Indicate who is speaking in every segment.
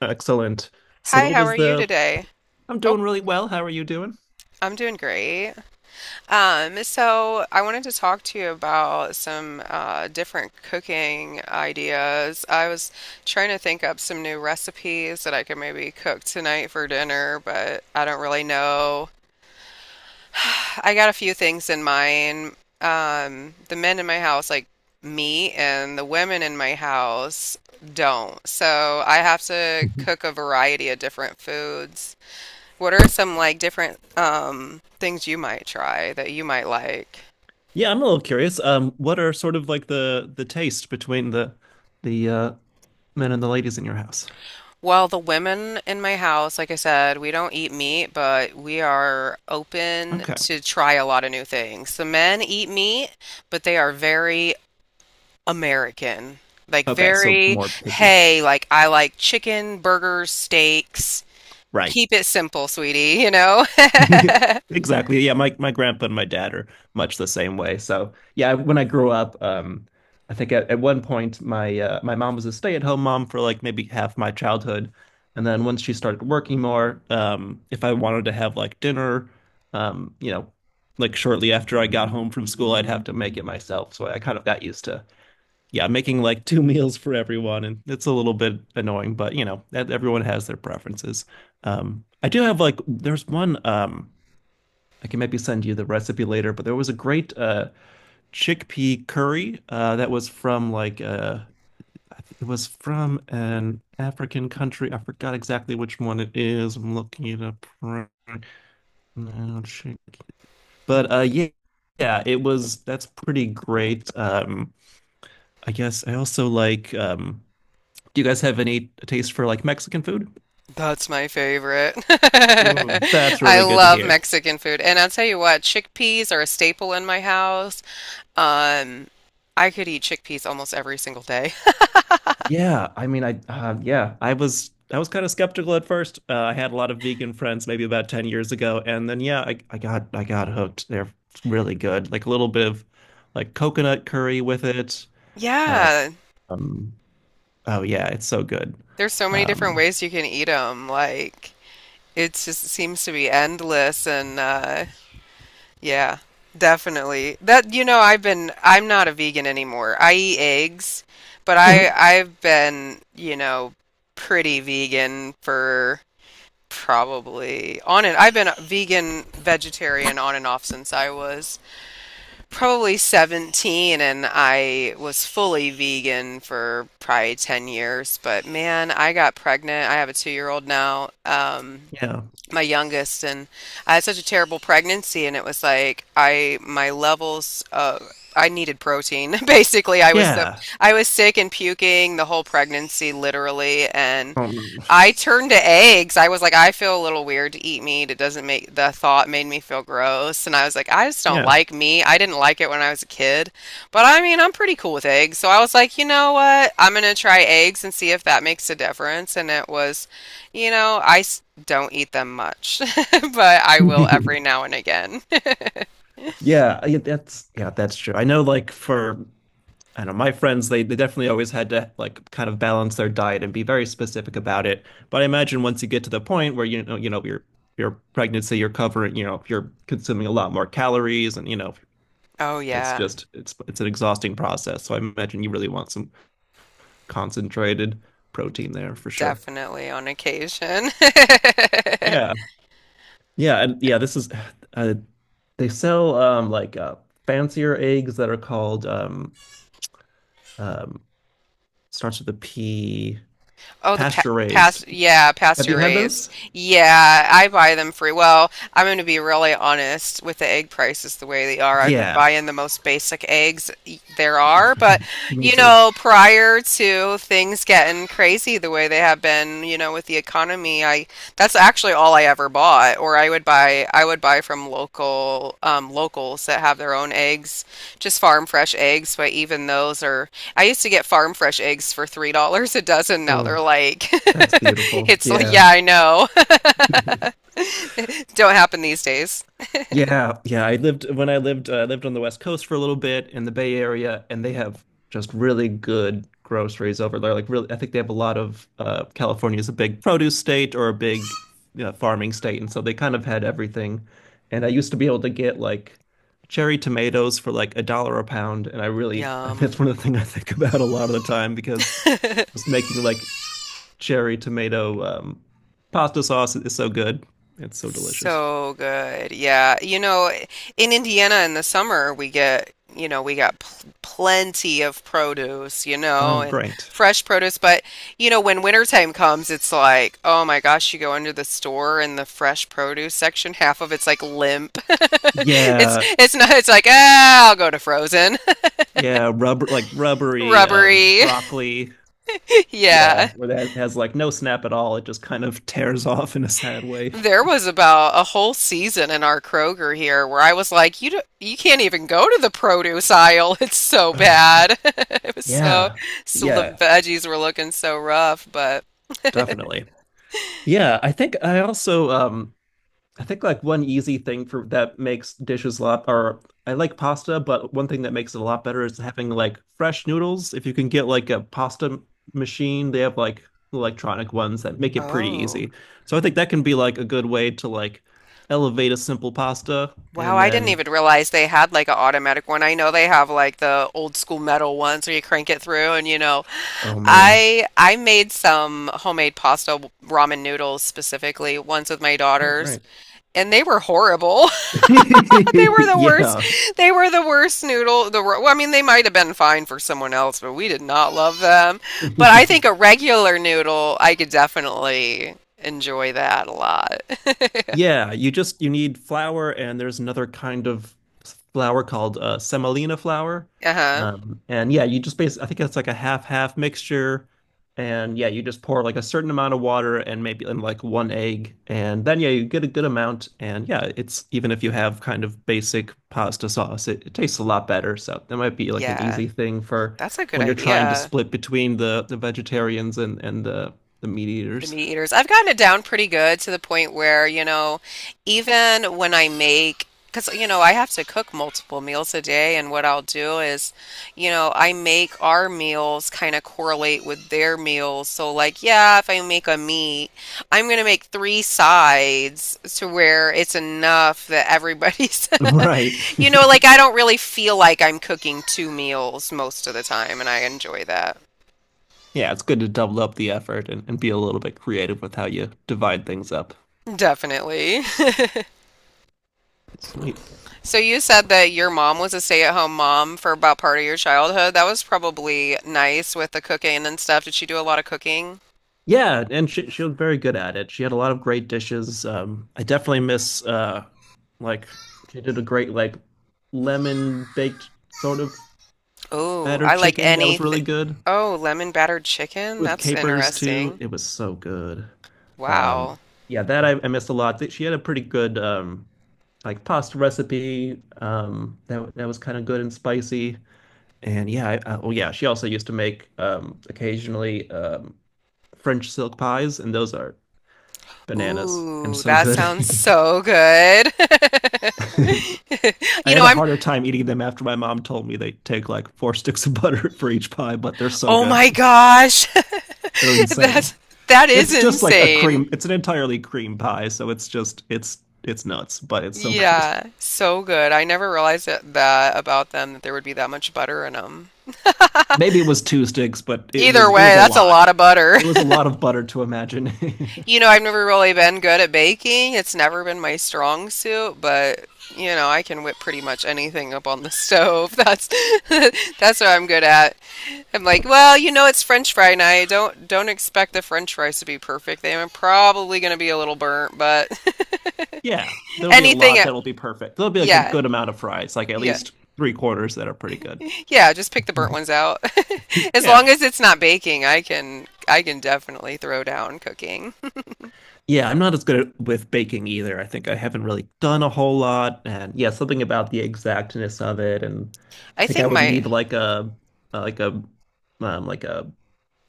Speaker 1: Excellent. So
Speaker 2: Hi,
Speaker 1: what
Speaker 2: how
Speaker 1: was
Speaker 2: are you
Speaker 1: the
Speaker 2: today?
Speaker 1: I'm
Speaker 2: Oh,
Speaker 1: doing really well. How are you doing?
Speaker 2: I'm doing great. So I wanted to talk to you about some different cooking ideas. I was trying to think up some new recipes that I could maybe cook tonight for dinner, but I don't really know. I got a few things in mind. The men in my house like meat, and the women in my house don't. So I have to cook a variety of different foods. What are some like different things you might try that you might like?
Speaker 1: Yeah, I'm a little curious. What are sort of like the taste between the men and the ladies in your house?
Speaker 2: Well, the women in my house, like I said, we don't eat meat, but we are open
Speaker 1: Okay.
Speaker 2: to try a lot of new things. The men eat meat, but they are very American. Like
Speaker 1: Okay, so
Speaker 2: very,
Speaker 1: more picky.
Speaker 2: hey, like I like chicken, burgers, steaks.
Speaker 1: Right.
Speaker 2: Keep it simple, sweetie, you know?
Speaker 1: Exactly. Yeah, my grandpa and my dad are much the same way. So yeah, when I grew up, I think at one point my mom was a stay-at-home mom for like maybe half my childhood, and then once she started working more, if I wanted to have like dinner, um, you know, like shortly after I got home from school, I'd have to make it myself. So I kind of got used to yeah making like two meals for everyone, and it's a little bit annoying, but you know, that everyone has their preferences. I do have like there's one. I can maybe send you the recipe later, but there was a great chickpea curry that was from like it was from an African country. I forgot exactly which one it is. I'm looking it up right now. Chick- But yeah, yeah, it was. That's pretty great. I guess I also like. Do you guys have any taste for like Mexican food?
Speaker 2: That's my favorite.
Speaker 1: Mm. That's
Speaker 2: I
Speaker 1: really good to
Speaker 2: love
Speaker 1: hear.
Speaker 2: Mexican food. And I'll tell you what, chickpeas are a staple in my house. Um, I could eat chickpeas almost every single day.
Speaker 1: Yeah, I mean, I yeah, I was kind of skeptical at first. I had a lot of vegan friends maybe about 10 years ago, and then yeah, I got hooked. They're really good. Like a little bit of like coconut curry with it. Uh,
Speaker 2: Yeah,
Speaker 1: um, oh yeah, it's so good.
Speaker 2: there's so many different
Speaker 1: Um,
Speaker 2: ways you can eat them. Like, it just seems to be endless. And yeah, definitely. That, you know, I'm not a vegan anymore. I eat eggs, but
Speaker 1: mhm,
Speaker 2: I've been, you know, pretty vegan for probably on and I've been a vegetarian on and off since I was probably 17 and I was fully vegan for probably 10 years, but man, I got pregnant. I have a 2-year-old now.
Speaker 1: yeah,
Speaker 2: My youngest and I had such a terrible pregnancy and it was like I my levels I needed protein. Basically,
Speaker 1: yeah,
Speaker 2: I was sick and puking the whole pregnancy literally and
Speaker 1: um,
Speaker 2: I turned to eggs. I was like, I feel a little weird to eat meat. It doesn't make the thought made me feel gross. And I was like, I just don't
Speaker 1: yeah.
Speaker 2: like meat. I didn't like it when I was a kid. But I mean, I'm pretty cool with eggs. So I was like, you know what? I'm going to try eggs and see if that makes a difference. And it was, you know, don't eat them much, but I will every now and again.
Speaker 1: Yeah, that's true. I know like for I don't know my friends, they definitely always had to like kind of balance their diet and be very specific about it. But I imagine once you get to the point where you know, your pregnancy, you're covering, you know, if you're consuming a lot more calories and you know,
Speaker 2: Oh,
Speaker 1: it's
Speaker 2: yeah,
Speaker 1: just it's an exhausting process. So I imagine you really want some concentrated protein there for sure.
Speaker 2: definitely on occasion.
Speaker 1: Yeah. Yeah, and yeah, this is uh, they sell like fancier eggs that are called um starts with a P,
Speaker 2: Oh, the
Speaker 1: pasture raised.
Speaker 2: yeah,
Speaker 1: Have
Speaker 2: pasture
Speaker 1: you had
Speaker 2: raised.
Speaker 1: those?
Speaker 2: Yeah, I buy them free. Well, I'm going to be really honest with the egg prices the way they are. I've been
Speaker 1: Yeah,
Speaker 2: buying the most basic eggs there are, but
Speaker 1: me
Speaker 2: you
Speaker 1: too.
Speaker 2: know, prior to things getting crazy the way they have been, you know, with the economy, I that's actually all I ever bought, or I would buy from local locals that have their own eggs, just farm fresh eggs, but even those are I used to get farm fresh eggs for $3 a dozen. Now
Speaker 1: Oh,
Speaker 2: they're like,
Speaker 1: that's beautiful.
Speaker 2: it's like,
Speaker 1: Yeah.
Speaker 2: yeah, I know. Don't happen these days.
Speaker 1: Yeah, yeah. I lived on the West Coast for a little bit in the Bay Area, and they have just really good groceries over there. Like really, I think they have a lot of California is a big produce state or a big you know, farming state, and so they kind of had everything. And I used to be able to get like cherry tomatoes for like a dollar a pound, and I really I
Speaker 2: Yum.
Speaker 1: that's one of the things I think about a lot of the time because I was making like cherry tomato pasta sauce is so good. It's so delicious.
Speaker 2: So good. Yeah. You know, in Indiana in the summer, we get, you know, we got pl plenty of produce, you know,
Speaker 1: Oh,
Speaker 2: and
Speaker 1: great.
Speaker 2: fresh produce. But, you know, when wintertime comes, it's like, oh my gosh, you go under the store and the fresh produce section, half of it's like limp. It's,
Speaker 1: Yeah,
Speaker 2: it's not, it's like, ah, I'll go to frozen,
Speaker 1: yeah, rubber like rubbery
Speaker 2: rubbery.
Speaker 1: broccoli.
Speaker 2: Yeah.
Speaker 1: Yeah, where it has like no snap at all. It just kind of tears off in a sad way.
Speaker 2: There was about a whole season in our Kroger here where I was like, you can't even go to the produce aisle. It's so
Speaker 1: Oh, right.
Speaker 2: bad. It was so,
Speaker 1: Yeah,
Speaker 2: so the
Speaker 1: yeah,
Speaker 2: veggies were looking so rough, but
Speaker 1: definitely. Yeah, I think I also I think like one easy thing for that makes dishes a lot, or I like pasta, but one thing that makes it a lot better is having like fresh noodles. If you can get like a pasta machine, they have like electronic ones that make it pretty
Speaker 2: oh.
Speaker 1: easy. So I think that can be like a good way to like elevate a simple pasta
Speaker 2: Wow,
Speaker 1: and
Speaker 2: I didn't
Speaker 1: then,
Speaker 2: even realize they had like an automatic one. I know they have like the old school metal ones where you crank it through and you know,
Speaker 1: oh man.
Speaker 2: I made some homemade pasta ramen noodles specifically once with my
Speaker 1: Oh,
Speaker 2: daughters
Speaker 1: great.
Speaker 2: and they were horrible. They were the worst.
Speaker 1: Yeah.
Speaker 2: They were the worst noodle. The Well, I mean, they might have been fine for someone else, but we did not love them. But I think a regular noodle, I could definitely enjoy that a lot.
Speaker 1: Yeah, you just you need flour, and there's another kind of flour called semolina flour.
Speaker 2: Huh.
Speaker 1: And yeah, you just basically I think it's like a half half mixture. And yeah, you just pour like a certain amount of water and maybe and like one egg, and then yeah, you get a good amount. And yeah, it's even if you have kind of basic pasta sauce, it tastes a lot better. So that might be like an
Speaker 2: Yeah,
Speaker 1: easy thing for
Speaker 2: that's a good
Speaker 1: when you're trying to
Speaker 2: idea.
Speaker 1: split between the vegetarians and and the meat
Speaker 2: The
Speaker 1: eaters.
Speaker 2: meat eaters. I've gotten it down pretty good to the point where, you know, even when I make, because, you know, I have to cook multiple meals a day, and what I'll do is, you know, I make our meals kind of correlate with their meals. So, like, yeah, if I make a meat, I'm going to make three sides to where it's enough that everybody's,
Speaker 1: Right.
Speaker 2: you know, like, I don't really feel like I'm cooking two meals most of the time, and I enjoy that.
Speaker 1: Yeah, it's good to double up the effort and be a little bit creative with how you divide things up.
Speaker 2: Definitely.
Speaker 1: Sweet.
Speaker 2: So you said that your mom was a stay-at-home mom for about part of your childhood. That was probably nice with the cooking and stuff. Did she do a lot of cooking?
Speaker 1: Yeah, and she was very good at it. She had a lot of great dishes. I definitely miss like she did a great like lemon baked sort of
Speaker 2: Oh,
Speaker 1: battered
Speaker 2: I like
Speaker 1: chicken that was really
Speaker 2: anything.
Speaker 1: good
Speaker 2: Oh, lemon battered chicken?
Speaker 1: with
Speaker 2: That's
Speaker 1: capers too.
Speaker 2: interesting.
Speaker 1: It was so good. Um,
Speaker 2: Wow.
Speaker 1: yeah, that I missed a lot. She had a pretty good like pasta recipe that was kind of good and spicy. And yeah, well, yeah, she also used to make occasionally French silk pies, and those are bananas and
Speaker 2: Ooh,
Speaker 1: so
Speaker 2: that
Speaker 1: good.
Speaker 2: sounds so good.
Speaker 1: I
Speaker 2: You know,
Speaker 1: had a
Speaker 2: I'm,
Speaker 1: harder time eating them after my mom told me they take like 4 sticks of butter for each pie, but they're so
Speaker 2: oh my
Speaker 1: good.
Speaker 2: gosh.
Speaker 1: They're
Speaker 2: That's
Speaker 1: insane.
Speaker 2: that is
Speaker 1: It's just like a cream,
Speaker 2: insane.
Speaker 1: it's an entirely cream pie, so it's just it's nuts, but it's so good.
Speaker 2: Yeah, so good. I never realized that about them that there would be that much butter in them.
Speaker 1: Maybe it was 2 sticks, but
Speaker 2: Either
Speaker 1: it was
Speaker 2: way,
Speaker 1: a
Speaker 2: that's a
Speaker 1: lot.
Speaker 2: lot of butter.
Speaker 1: It was a lot of butter to imagine.
Speaker 2: You know, I've never really been good at baking. It's never been my strong suit, but you know, I can whip pretty much anything up on the stove. That's that's what I'm good at. I'm like, well, you know, it's French fry night. Don't expect the French fries to be perfect. They're probably going to be a little burnt, but
Speaker 1: Yeah, there'll be a
Speaker 2: anything,
Speaker 1: lot that'll be perfect. There'll be like a
Speaker 2: yeah,
Speaker 1: good amount of fries, like at
Speaker 2: yeah,
Speaker 1: least three quarters that are pretty good.
Speaker 2: yeah. Just pick the burnt ones out. As
Speaker 1: Yeah.
Speaker 2: long as it's not baking, I can definitely throw down cooking.
Speaker 1: Yeah, I'm not as good with baking either. I think I haven't really done a whole lot. And yeah, something about the exactness of it. And I
Speaker 2: I
Speaker 1: think I
Speaker 2: think
Speaker 1: would
Speaker 2: my
Speaker 1: need uh, like a, like a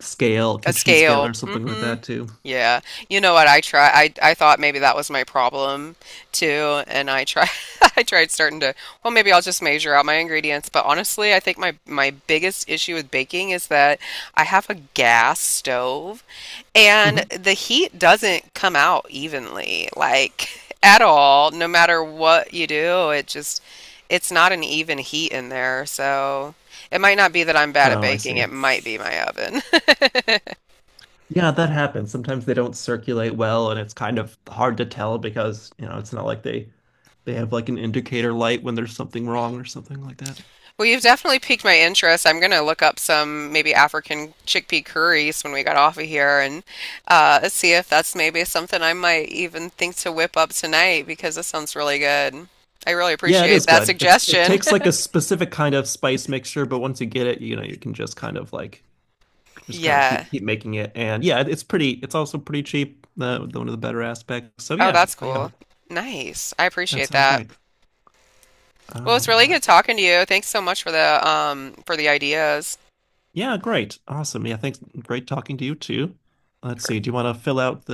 Speaker 1: scale,
Speaker 2: A
Speaker 1: kitchen scale
Speaker 2: scale.
Speaker 1: or something like that too.
Speaker 2: Yeah. You know what? I thought maybe that was my problem too, and I try I tried starting to, well, maybe I'll just measure out my ingredients, but honestly, I think my biggest issue with baking is that I have a gas stove and
Speaker 1: Hmm.
Speaker 2: the heat doesn't come out evenly, like at all, no matter what you do. It's not an even heat in there, so it might not be that I'm bad at
Speaker 1: Oh, I
Speaker 2: baking,
Speaker 1: see.
Speaker 2: it might be my oven.
Speaker 1: Yeah, that happens. Sometimes they don't circulate well, and it's kind of hard to tell because, you know, it's not like they have like an indicator light when there's something wrong or something like that.
Speaker 2: Well, you've definitely piqued my interest. I'm going to look up some maybe African chickpea curries when we get off of here and see if that's maybe something I might even think to whip up tonight because this sounds really good. I really
Speaker 1: Yeah, it
Speaker 2: appreciate
Speaker 1: is
Speaker 2: that
Speaker 1: good. It's it
Speaker 2: suggestion.
Speaker 1: takes like a specific kind of spice mixture, but once you get it, you know, you can just kind of like just kind of
Speaker 2: Yeah.
Speaker 1: keep making it. And yeah, it's pretty it's also pretty cheap, the, one of the better aspects. So
Speaker 2: Oh,
Speaker 1: yeah,
Speaker 2: that's
Speaker 1: yeah,
Speaker 2: cool. Nice. I
Speaker 1: that
Speaker 2: appreciate
Speaker 1: sounds
Speaker 2: that.
Speaker 1: great.
Speaker 2: Well,
Speaker 1: All
Speaker 2: it's really good
Speaker 1: right.
Speaker 2: talking to you. Thanks so much for the ideas.
Speaker 1: Yeah, great. Awesome. Yeah, thanks. Great talking to you too. Let's see. Do you want to fill out the